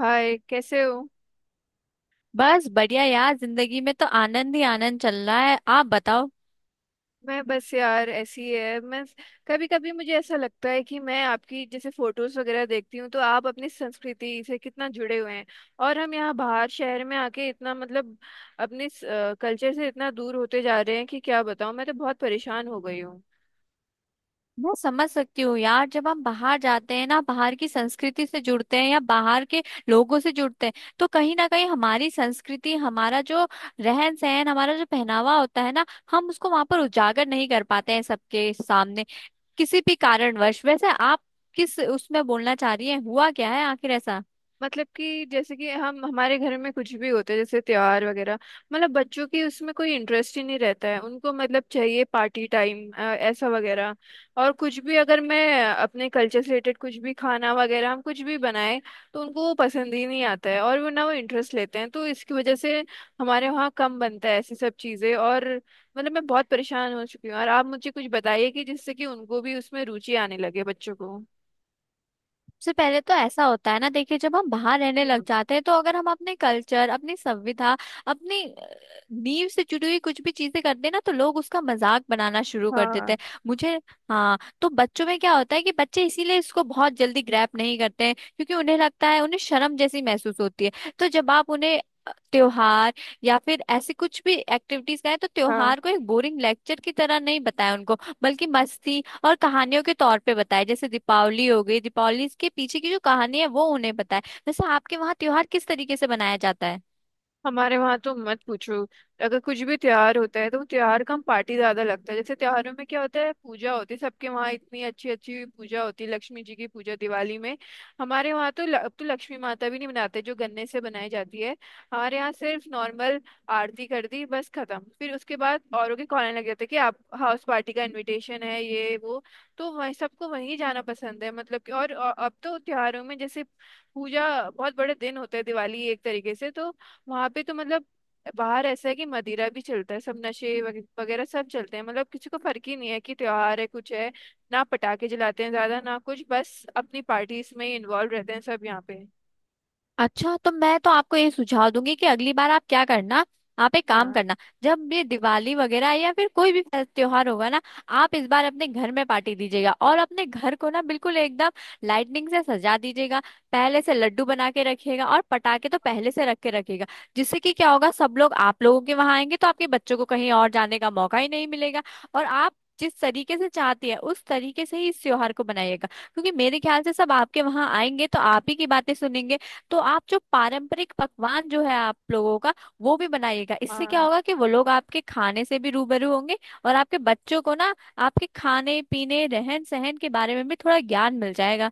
हाय, कैसे हो। बस बढ़िया यार। जिंदगी में तो आनंद ही आनंद चल रहा है। आप बताओ। मैं बस यार ऐसी ही है। मैं कभी कभी मुझे ऐसा लगता है कि मैं आपकी जैसे फोटोज वगैरह देखती हूँ तो आप अपनी संस्कृति से कितना जुड़े हुए हैं। और हम यहाँ बाहर शहर में आके इतना मतलब अपने कल्चर से इतना दूर होते जा रहे हैं कि क्या बताऊँ, मैं तो बहुत परेशान हो गई हूँ। मैं समझ सकती हूँ यार, जब हम बाहर जाते हैं ना, बाहर की संस्कृति से जुड़ते हैं या बाहर के लोगों से जुड़ते हैं, तो कहीं ना कहीं हमारी संस्कृति, हमारा जो रहन सहन, हमारा जो पहनावा होता है ना, हम उसको वहां पर उजागर नहीं कर पाते हैं सबके सामने, किसी भी कारणवश। वैसे आप किस उसमें बोलना चाह रही हैं, हुआ क्या है आखिर ऐसा? मतलब कि जैसे कि हम हमारे घर में कुछ भी होते है जैसे त्योहार वगैरह, मतलब बच्चों की उसमें कोई इंटरेस्ट ही नहीं रहता है, उनको मतलब चाहिए पार्टी टाइम ऐसा वगैरह। और कुछ भी, अगर मैं अपने कल्चर से रिलेटेड कुछ भी खाना वगैरह हम कुछ भी बनाए तो उनको वो पसंद ही नहीं आता है, और वो ना वो इंटरेस्ट लेते हैं, तो इसकी वजह से हमारे वहाँ कम बनता है ऐसी सब चीज़ें। और मतलब मैं बहुत परेशान हो चुकी हूँ, और आप मुझे कुछ बताइए कि जिससे कि उनको भी उसमें रुचि आने लगे, बच्चों को। सबसे पहले तो ऐसा होता है ना, देखिए, जब हम बाहर रहने लग हम्म, जाते हैं तो अगर हम अपने कल्चर, अपनी संविधा, अपनी नींव से जुड़ी हुई कुछ भी चीजें करते हैं ना, तो लोग उसका मजाक बनाना शुरू कर देते हाँ। हैं। मुझे हाँ, तो बच्चों में क्या होता है कि बच्चे इसीलिए इसको बहुत जल्दी ग्रैप नहीं करते हैं, क्योंकि उन्हें लगता है, उन्हें शर्म जैसी महसूस होती है। तो जब आप उन्हें त्योहार या फिर ऐसे कुछ भी एक्टिविटीज कराएं, तो हाँ, त्योहार को एक बोरिंग लेक्चर की तरह नहीं बताएं उनको, बल्कि मस्ती और कहानियों के तौर पे बताए। जैसे दीपावली हो गई, दीपावली के पीछे की जो कहानी है वो उन्हें बताए। वैसे आपके वहाँ त्योहार किस तरीके से मनाया जाता है? हमारे वहां तो मत पूछो। अगर कुछ भी त्योहार होता है तो वो त्योहार का हम पार्टी ज्यादा लगता है। जैसे त्योहारों में क्या होता है, पूजा होती है, सबके वहाँ इतनी अच्छी अच्छी पूजा होती है, लक्ष्मी जी की पूजा दिवाली में। हमारे वहाँ तो अब तो लक्ष्मी माता भी नहीं बनाते जो गन्ने से बनाई जाती है। हमारे यहाँ सिर्फ नॉर्मल आरती कर दी, बस खत्म। फिर उसके बाद औरों के कॉलने लग जाते हैं कि आप हाउस पार्टी का इनविटेशन है, ये वो। तो वही सबको वहीं जाना पसंद है, मतलब कि। और अब तो त्योहारों में जैसे पूजा बहुत बड़े दिन होते हैं, दिवाली एक तरीके से, तो वहां पे तो मतलब बाहर ऐसा है कि मदिरा भी चलता है, सब नशे वगैरह सब चलते हैं, मतलब किसी को फर्क ही नहीं है कि त्योहार है कुछ है। ना पटाखे जलाते हैं ज्यादा, ना कुछ, बस अपनी पार्टीज में ही इन्वॉल्व रहते हैं सब यहाँ पे। अच्छा, तो मैं तो आपको ये सुझाव दूंगी कि अगली बार आप क्या करना, आप एक काम हाँ। करना, जब ये दिवाली वगैरह या फिर कोई भी त्योहार होगा ना, आप इस बार अपने घर में पार्टी दीजिएगा, और अपने घर को ना बिल्कुल एकदम लाइटनिंग से सजा दीजिएगा। पहले से लड्डू बना के रखिएगा और पटाखे तो पहले से रख के रखिएगा, जिससे कि क्या होगा, सब लोग आप लोगों के वहां आएंगे तो आपके बच्चों को कहीं और जाने का मौका ही नहीं मिलेगा। और आप जिस तरीके से चाहती है उस तरीके से ही इस त्योहार को बनाइएगा, क्योंकि मेरे ख्याल से सब आपके वहां आएंगे तो आप ही की बातें सुनेंगे। तो आप जो पारंपरिक पकवान जो है आप लोगों का, वो भी बनाइएगा। इससे क्या हाँ, होगा कि वो लोग आपके खाने से भी रूबरू होंगे। और आपके बच्चों को ना आपके खाने पीने, रहन सहन के बारे में भी थोड़ा ज्ञान मिल जाएगा।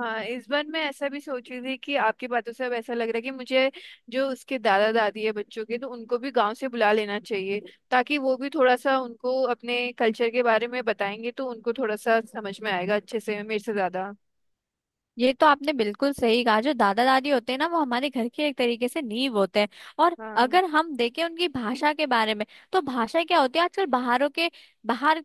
हाँ, इस बार मैं ऐसा भी सोच रही थी कि आपकी बातों से अब ऐसा लग रहा है कि मुझे जो उसके दादा दादी है बच्चों के, तो उनको भी गांव से बुला लेना चाहिए। ताकि वो भी थोड़ा सा उनको अपने कल्चर के बारे में बताएंगे तो उनको थोड़ा सा समझ में आएगा अच्छे से मेरे से ज्यादा। ये तो आपने बिल्कुल सही कहा, जो दादा दादी होते हैं ना, वो हमारे घर के एक तरीके से नींव होते हैं। और हाँ। अगर हम देखें उनकी भाषा के बारे में, तो भाषा क्या होती है, आजकल बाहरों के बाहर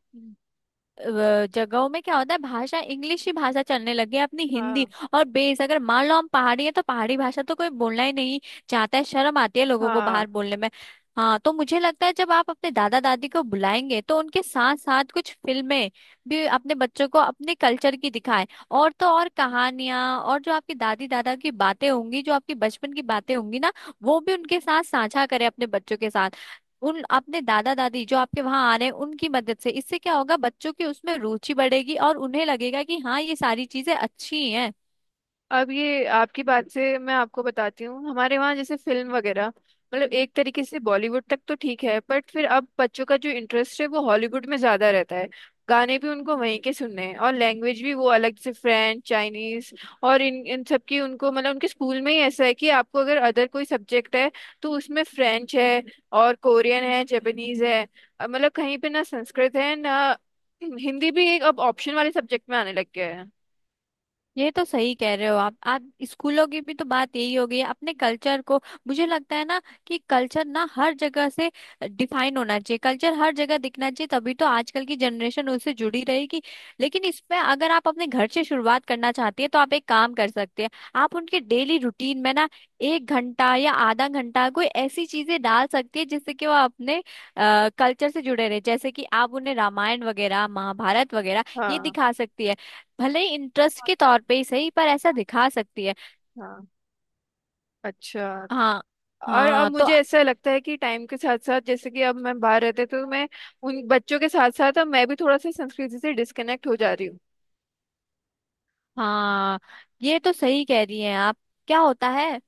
जगहों में क्या होता है, भाषा इंग्लिश ही भाषा चलने लगी है, अपनी हिंदी हाँ, और बेस, अगर मान लो हम पहाड़ी है तो पहाड़ी भाषा तो कोई बोलना ही नहीं चाहता है, शर्म आती है लोगों को हाँ, बाहर बोलने में। हाँ, तो मुझे लगता है जब आप अपने दादा दादी को बुलाएंगे, तो उनके साथ साथ कुछ फिल्में भी अपने बच्चों को अपने कल्चर की दिखाएं। और तो और, कहानियां और जो आपकी दादी दादा की बातें होंगी, जो आपकी बचपन की बातें होंगी ना, वो भी उनके साथ साझा करें, अपने बच्चों के साथ, उन अपने दादा दादी जो आपके वहां आ रहे हैं उनकी मदद से। इससे क्या होगा, बच्चों की उसमें रुचि बढ़ेगी और उन्हें लगेगा कि हाँ, ये सारी चीजें अच्छी हैं। अब ये आपकी बात से मैं आपको बताती हूँ, हमारे वहाँ जैसे फिल्म वगैरह, मतलब एक तरीके से बॉलीवुड तक तो ठीक है, बट फिर अब बच्चों का जो इंटरेस्ट है वो हॉलीवुड में ज्यादा रहता है। गाने भी उनको वहीं के सुनने हैं, और लैंग्वेज भी वो अलग से फ्रेंच चाइनीज, और इन इन सब की उनको, मतलब उनके स्कूल में ही ऐसा है कि आपको अगर अदर कोई सब्जेक्ट है तो उसमें फ्रेंच है, और कोरियन है, जापानीज है, मतलब कहीं पे ना संस्कृत है ना हिंदी भी, एक अब ऑप्शन वाले सब्जेक्ट में आने लग गया है। ये तो सही कह रहे हो आप स्कूलों की भी तो बात यही हो गई है, अपने कल्चर को। मुझे लगता है ना कि कल्चर ना हर जगह से डिफाइन होना चाहिए, कल्चर हर जगह दिखना चाहिए, तभी तो आजकल की जनरेशन उससे जुड़ी रहेगी। लेकिन इसमें अगर आप अपने घर से शुरुआत करना चाहती है, तो आप एक काम कर सकते हैं, आप उनके डेली रूटीन में ना एक घंटा या आधा घंटा कोई ऐसी चीजें डाल सकती है, जिससे कि वो अपने कल्चर से जुड़े रहे। जैसे कि आप उन्हें रामायण वगैरह, महाभारत वगैरह ये हाँ। दिखा सकती है, भले ही इंटरेस्ट के तौर पे ही सही, पर ऐसा दिखा सकती है। हाँ। अच्छा। हाँ, और अब हाँ, तो मुझे ऐसा लगता है कि टाइम के साथ साथ, जैसे कि अब मैं बाहर रहते तो मैं उन बच्चों के साथ साथ अब मैं भी थोड़ा सा संस्कृति से डिस्कनेक्ट हो जा रही हूँ। हाँ, ये तो सही कह रही हैं आप। क्या होता है,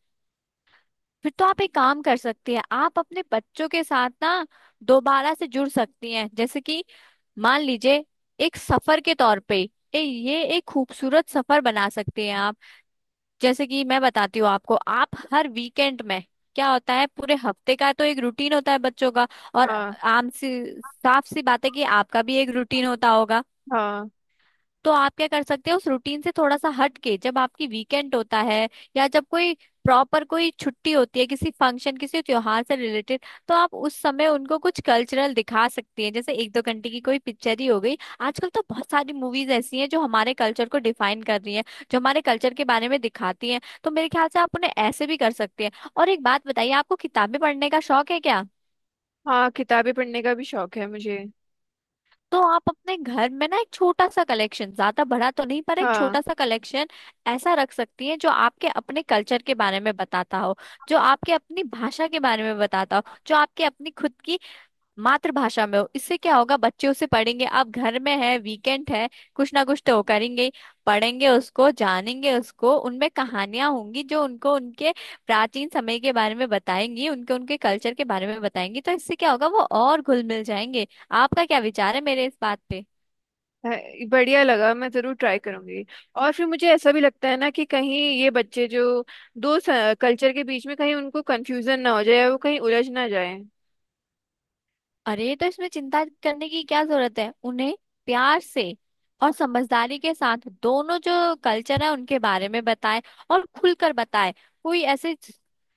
फिर तो आप एक काम कर सकती हैं, आप अपने बच्चों के साथ ना दोबारा से जुड़ सकती हैं। जैसे कि मान लीजिए, एक सफर के तौर पे, ये एक खूबसूरत सफर बना सकती हैं आप। जैसे कि मैं बताती हूँ आपको, आप हर वीकेंड में, क्या होता है, पूरे हफ्ते का तो एक रूटीन होता है बच्चों का, और हाँ, आम सी, साफ सी बात है कि आपका भी एक रूटीन होता होगा। हाँ। तो आप क्या कर सकते हो, उस रूटीन से थोड़ा सा हट के, जब आपकी वीकेंड होता है या जब कोई प्रॉपर कोई छुट्टी होती है किसी फंक्शन, किसी त्योहार से रिलेटेड, तो आप उस समय उनको कुछ कल्चरल दिखा सकती हैं, जैसे एक दो घंटे की कोई पिक्चर ही हो गई। आजकल तो बहुत सारी मूवीज ऐसी हैं जो हमारे कल्चर को डिफाइन कर रही हैं, जो हमारे कल्चर के बारे में दिखाती हैं, तो मेरे ख्याल से आप उन्हें ऐसे भी कर सकते हैं। और एक बात बताइए, आपको किताबें पढ़ने का शौक है क्या? हाँ, किताबें पढ़ने का भी शौक है मुझे। तो आप अपने घर में ना एक छोटा सा कलेक्शन, ज्यादा बड़ा तो नहीं पर एक हाँ, छोटा सा कलेक्शन ऐसा रख सकती हैं, जो आपके अपने कल्चर के बारे में बताता हो, जो आपके अपनी भाषा के बारे में बताता हो, जो आपके अपनी खुद की मातृभाषा में हो। इससे क्या होगा, बच्चे उसे पढ़ेंगे, आप घर में है, वीकेंड है, कुछ ना कुछ तो करेंगे ही। पढ़ेंगे, उसको जानेंगे, उसको उनमें कहानियां होंगी जो उनको उनके प्राचीन समय के बारे में बताएंगी, उनके उनके कल्चर के बारे में बताएंगी, तो इससे क्या होगा वो और घुल मिल जाएंगे। आपका क्या विचार है मेरे इस बात पे? बढ़िया लगा, मैं जरूर ट्राई करूंगी। और फिर मुझे ऐसा भी लगता है ना कि कहीं ये बच्चे जो दो कल्चर के बीच में कहीं उनको कंफ्यूजन ना हो जाए, वो कहीं उलझ ना जाए। अरे, तो इसमें चिंता करने की क्या जरूरत है, उन्हें प्यार से और समझदारी के साथ दोनों जो कल्चर है उनके बारे में बताएं, और खुलकर बताएं। कोई ऐसे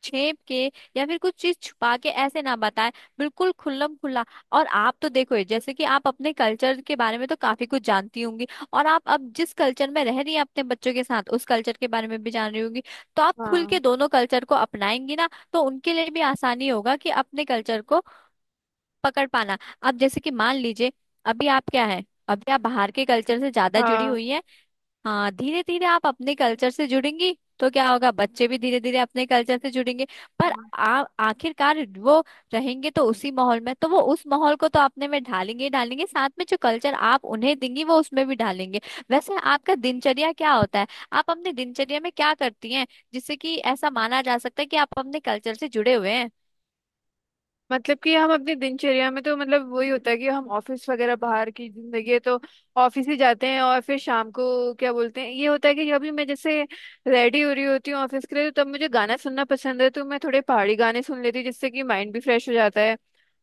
छेप के या फिर कुछ चीज छुपा के ऐसे ना बताएं, बिल्कुल खुल्लम खुल्ला। और आप तो देखो ये, जैसे कि आप अपने कल्चर के बारे में तो काफी कुछ जानती होंगी, और आप अब जिस कल्चर में रह रही हैं अपने बच्चों के साथ, उस कल्चर के बारे में भी जान रही होंगी। तो आप खुल हाँ। के दोनों कल्चर को अपनाएंगी ना, तो उनके लिए भी आसानी होगा कि अपने कल्चर को पकड़ पाना। अब जैसे कि मान लीजिए, अभी आप क्या है, अभी आप बाहर के कल्चर से ज्यादा जुड़ी हाँ, हुई हैं। हाँ, धीरे धीरे आप अपने कल्चर से जुड़ेंगी तो क्या होगा, बच्चे भी धीरे धीरे अपने कल्चर से जुड़ेंगे। पर आप आखिरकार वो रहेंगे तो उसी माहौल में, तो वो उस माहौल को तो अपने में ढालेंगे ही ढालेंगे, साथ में जो कल्चर आप उन्हें देंगी वो उसमें भी ढालेंगे। वैसे आपका दिनचर्या क्या होता है? आप अपने दिनचर्या में क्या करती हैं, जिससे कि ऐसा माना जा सकता है कि आप अपने कल्चर से जुड़े हुए हैं? मतलब कि हम अपनी दिनचर्या में तो मतलब वही होता है कि हम ऑफिस वगैरह, बाहर की जिंदगी है तो ऑफिस ही जाते हैं। और फिर शाम को क्या बोलते हैं, ये होता है कि अभी मैं जैसे रेडी हो रही होती हूँ ऑफिस के लिए तो तब मुझे गाना सुनना पसंद है, तो मैं थोड़े पहाड़ी गाने सुन लेती हूँ जिससे कि माइंड भी फ्रेश हो जाता है।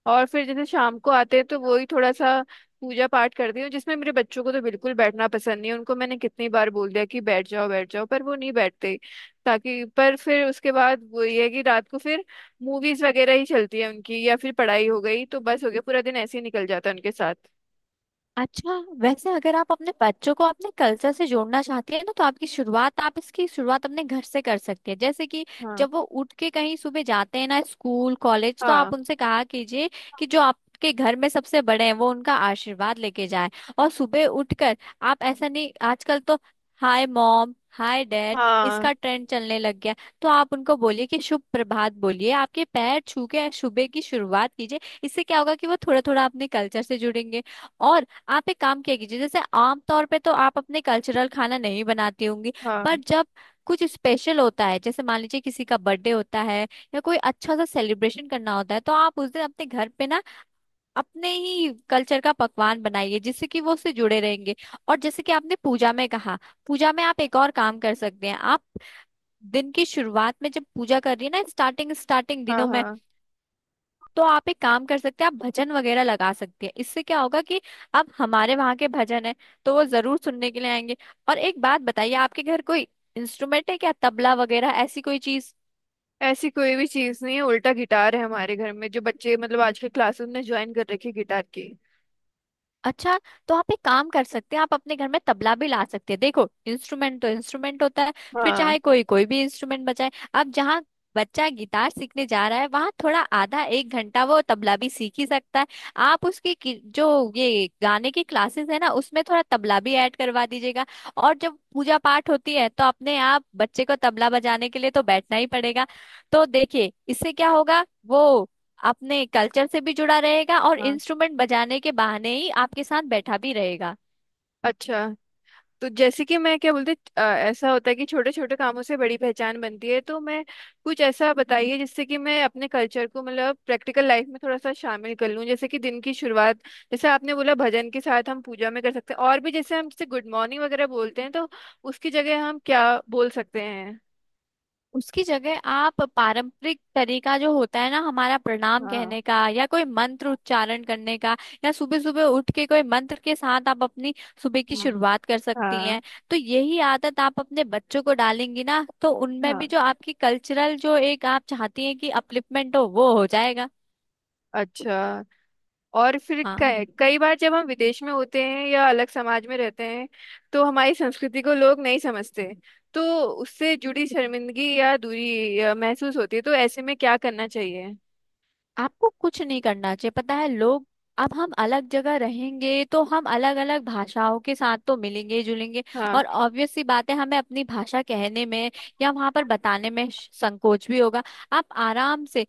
और फिर जैसे शाम को आते हैं तो वही थोड़ा सा पूजा पाठ करती हूँ, जिसमें मेरे बच्चों को तो बिल्कुल बैठना पसंद नहीं है। उनको मैंने कितनी बार बोल दिया कि बैठ जाओ बैठ जाओ, पर वो नहीं बैठते। ताकि पर फिर उसके बाद वो ये है कि रात को फिर मूवीज वगैरह ही चलती है उनकी, या फिर पढ़ाई हो गई तो बस हो गया, पूरा दिन ऐसे ही निकल जाता है उनके साथ। अच्छा, वैसे अगर आप अपने बच्चों को अपने कल्चर से जोड़ना चाहती है ना, तो आपकी शुरुआत, आप इसकी शुरुआत अपने घर से कर सकती है। जैसे कि हाँ। जब वो उठ के कहीं सुबह जाते हैं ना स्कूल कॉलेज, तो हाँ, आप उनसे कहा कीजिए कि जो आपके घर में सबसे बड़े हैं वो उनका आशीर्वाद लेके जाए। और सुबह उठकर आप ऐसा नहीं, आजकल तो हाय मॉम, हाय डैड, हाँ। इसका ट्रेंड चलने लग गया। तो आप उनको बोलिए कि शुभ प्रभात बोलिए, आपके पैर छू के सुबह की शुरुआत कीजिए। इससे क्या होगा कि वो थोड़ा थोड़ा अपने कल्चर से जुड़ेंगे। और आप एक काम किया कीजिए, जैसे आमतौर पे तो आप अपने कल्चरल खाना नहीं बनाती होंगी, पर हाँ, जब कुछ स्पेशल होता है, जैसे मान लीजिए किसी का बर्थडे होता है, या कोई अच्छा सा सेलिब्रेशन करना होता है, तो आप उस दिन अपने घर पे ना अपने ही कल्चर का पकवान बनाइए, जिससे कि वो उससे जुड़े रहेंगे। और जैसे कि आपने पूजा में कहा, पूजा में आप एक और काम कर सकते हैं, आप दिन की शुरुआत में जब पूजा कर रही है ना, स्टार्टिंग स्टार्टिंग हाँ, दिनों में, हाँ, तो आप एक काम कर सकते हैं, आप भजन वगैरह लगा सकते हैं। इससे क्या होगा कि अब हमारे वहाँ के भजन है, तो वो जरूर सुनने के लिए आएंगे। और एक बात बताइए, आपके घर कोई इंस्ट्रूमेंट है क्या, तबला वगैरह ऐसी कोई चीज? ऐसी कोई भी चीज नहीं है। उल्टा गिटार है हमारे घर में, जो बच्चे मतलब आजकल क्लासेस में ज्वाइन कर रखी है गिटार की। अच्छा, तो आप एक काम कर सकते हैं, आप अपने घर में तबला भी ला सकते हैं। देखो, इंस्ट्रूमेंट तो इंस्ट्रूमेंट होता है, फिर हाँ। चाहे कोई कोई भी इंस्ट्रूमेंट बजाए। अब जहाँ बच्चा गिटार सीखने जा रहा है, वहां थोड़ा आधा एक घंटा वो तबला भी सीख ही सकता है। आप उसकी जो ये गाने की क्लासेस है ना, उसमें थोड़ा तबला भी ऐड करवा दीजिएगा। और जब पूजा पाठ होती है तो अपने आप बच्चे को तबला बजाने के लिए तो बैठना ही पड़ेगा। तो देखिए, इससे क्या होगा, वो अपने कल्चर से भी जुड़ा रहेगा और हाँ। इंस्ट्रूमेंट बजाने के बहाने ही आपके साथ बैठा भी रहेगा। अच्छा, तो जैसे कि मैं क्या बोलते, ऐसा होता है कि छोटे छोटे कामों से बड़ी पहचान बनती है। तो मैं कुछ ऐसा बताइए जिससे कि मैं अपने कल्चर को मतलब प्रैक्टिकल लाइफ में थोड़ा सा शामिल कर लूँ, जैसे कि दिन की शुरुआत, जैसे आपने बोला भजन के साथ हम पूजा में कर सकते हैं। और भी जैसे हम, जैसे गुड मॉर्निंग वगैरह बोलते हैं तो उसकी जगह हम क्या बोल सकते हैं। उसकी जगह आप पारंपरिक तरीका जो होता है ना हमारा, प्रणाम हाँ। कहने का, या कोई मंत्र उच्चारण करने का, या सुबह सुबह उठ के कोई मंत्र के साथ आप अपनी सुबह की हम्म, शुरुआत कर सकती हाँ। हैं। तो यही आदत आप अपने बच्चों को डालेंगी ना, तो उनमें भी हाँ, जो आपकी कल्चरल जो एक आप चाहती हैं कि अपलिफ्टमेंट हो, वो हो जाएगा। अच्छा, और फिर हाँ, कई कई बार जब हम विदेश में होते हैं या अलग समाज में रहते हैं, तो हमारी संस्कृति को लोग नहीं समझते, तो उससे जुड़ी शर्मिंदगी या दूरी महसूस होती है, तो ऐसे में क्या करना चाहिए। आपको कुछ नहीं करना चाहिए, पता है, लोग, अब हम अलग जगह रहेंगे तो हम अलग अलग भाषाओं के साथ तो मिलेंगे जुलेंगे, हाँ, और ऑब्वियस सी बात है हमें अपनी भाषा कहने में या वहां पर बताने में संकोच भी होगा। आप आराम से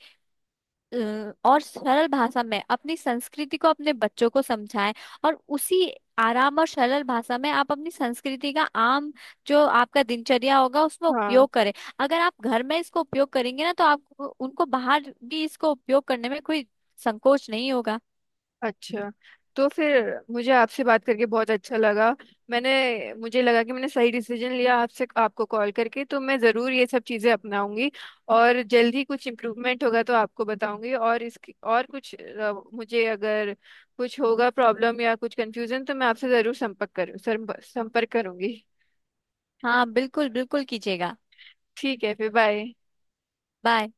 और सरल भाषा में अपनी संस्कृति को अपने बच्चों को समझाएं, और उसी आराम और सरल भाषा में आप अपनी संस्कृति का आम, जो आपका दिनचर्या होगा उसमें हाँ। उपयोग करें। अगर आप घर में इसको उपयोग करेंगे ना, तो आप उनको बाहर भी इसको उपयोग करने में कोई संकोच नहीं होगा। अच्छा, तो फिर मुझे आपसे बात करके बहुत अच्छा लगा। मैंने मुझे लगा कि मैंने सही डिसीजन लिया आपसे, आपको कॉल करके, तो मैं ज़रूर ये सब चीज़ें अपनाऊंगी। और जल्द ही कुछ इम्प्रूवमेंट होगा तो आपको बताऊंगी, और इसकी और कुछ, मुझे अगर कुछ होगा प्रॉब्लम या कुछ कंफ्यूजन तो मैं आपसे ज़रूर संपर्क करूंगी। हाँ, बिल्कुल बिल्कुल कीजिएगा। ठीक है, फिर बाय। बाय।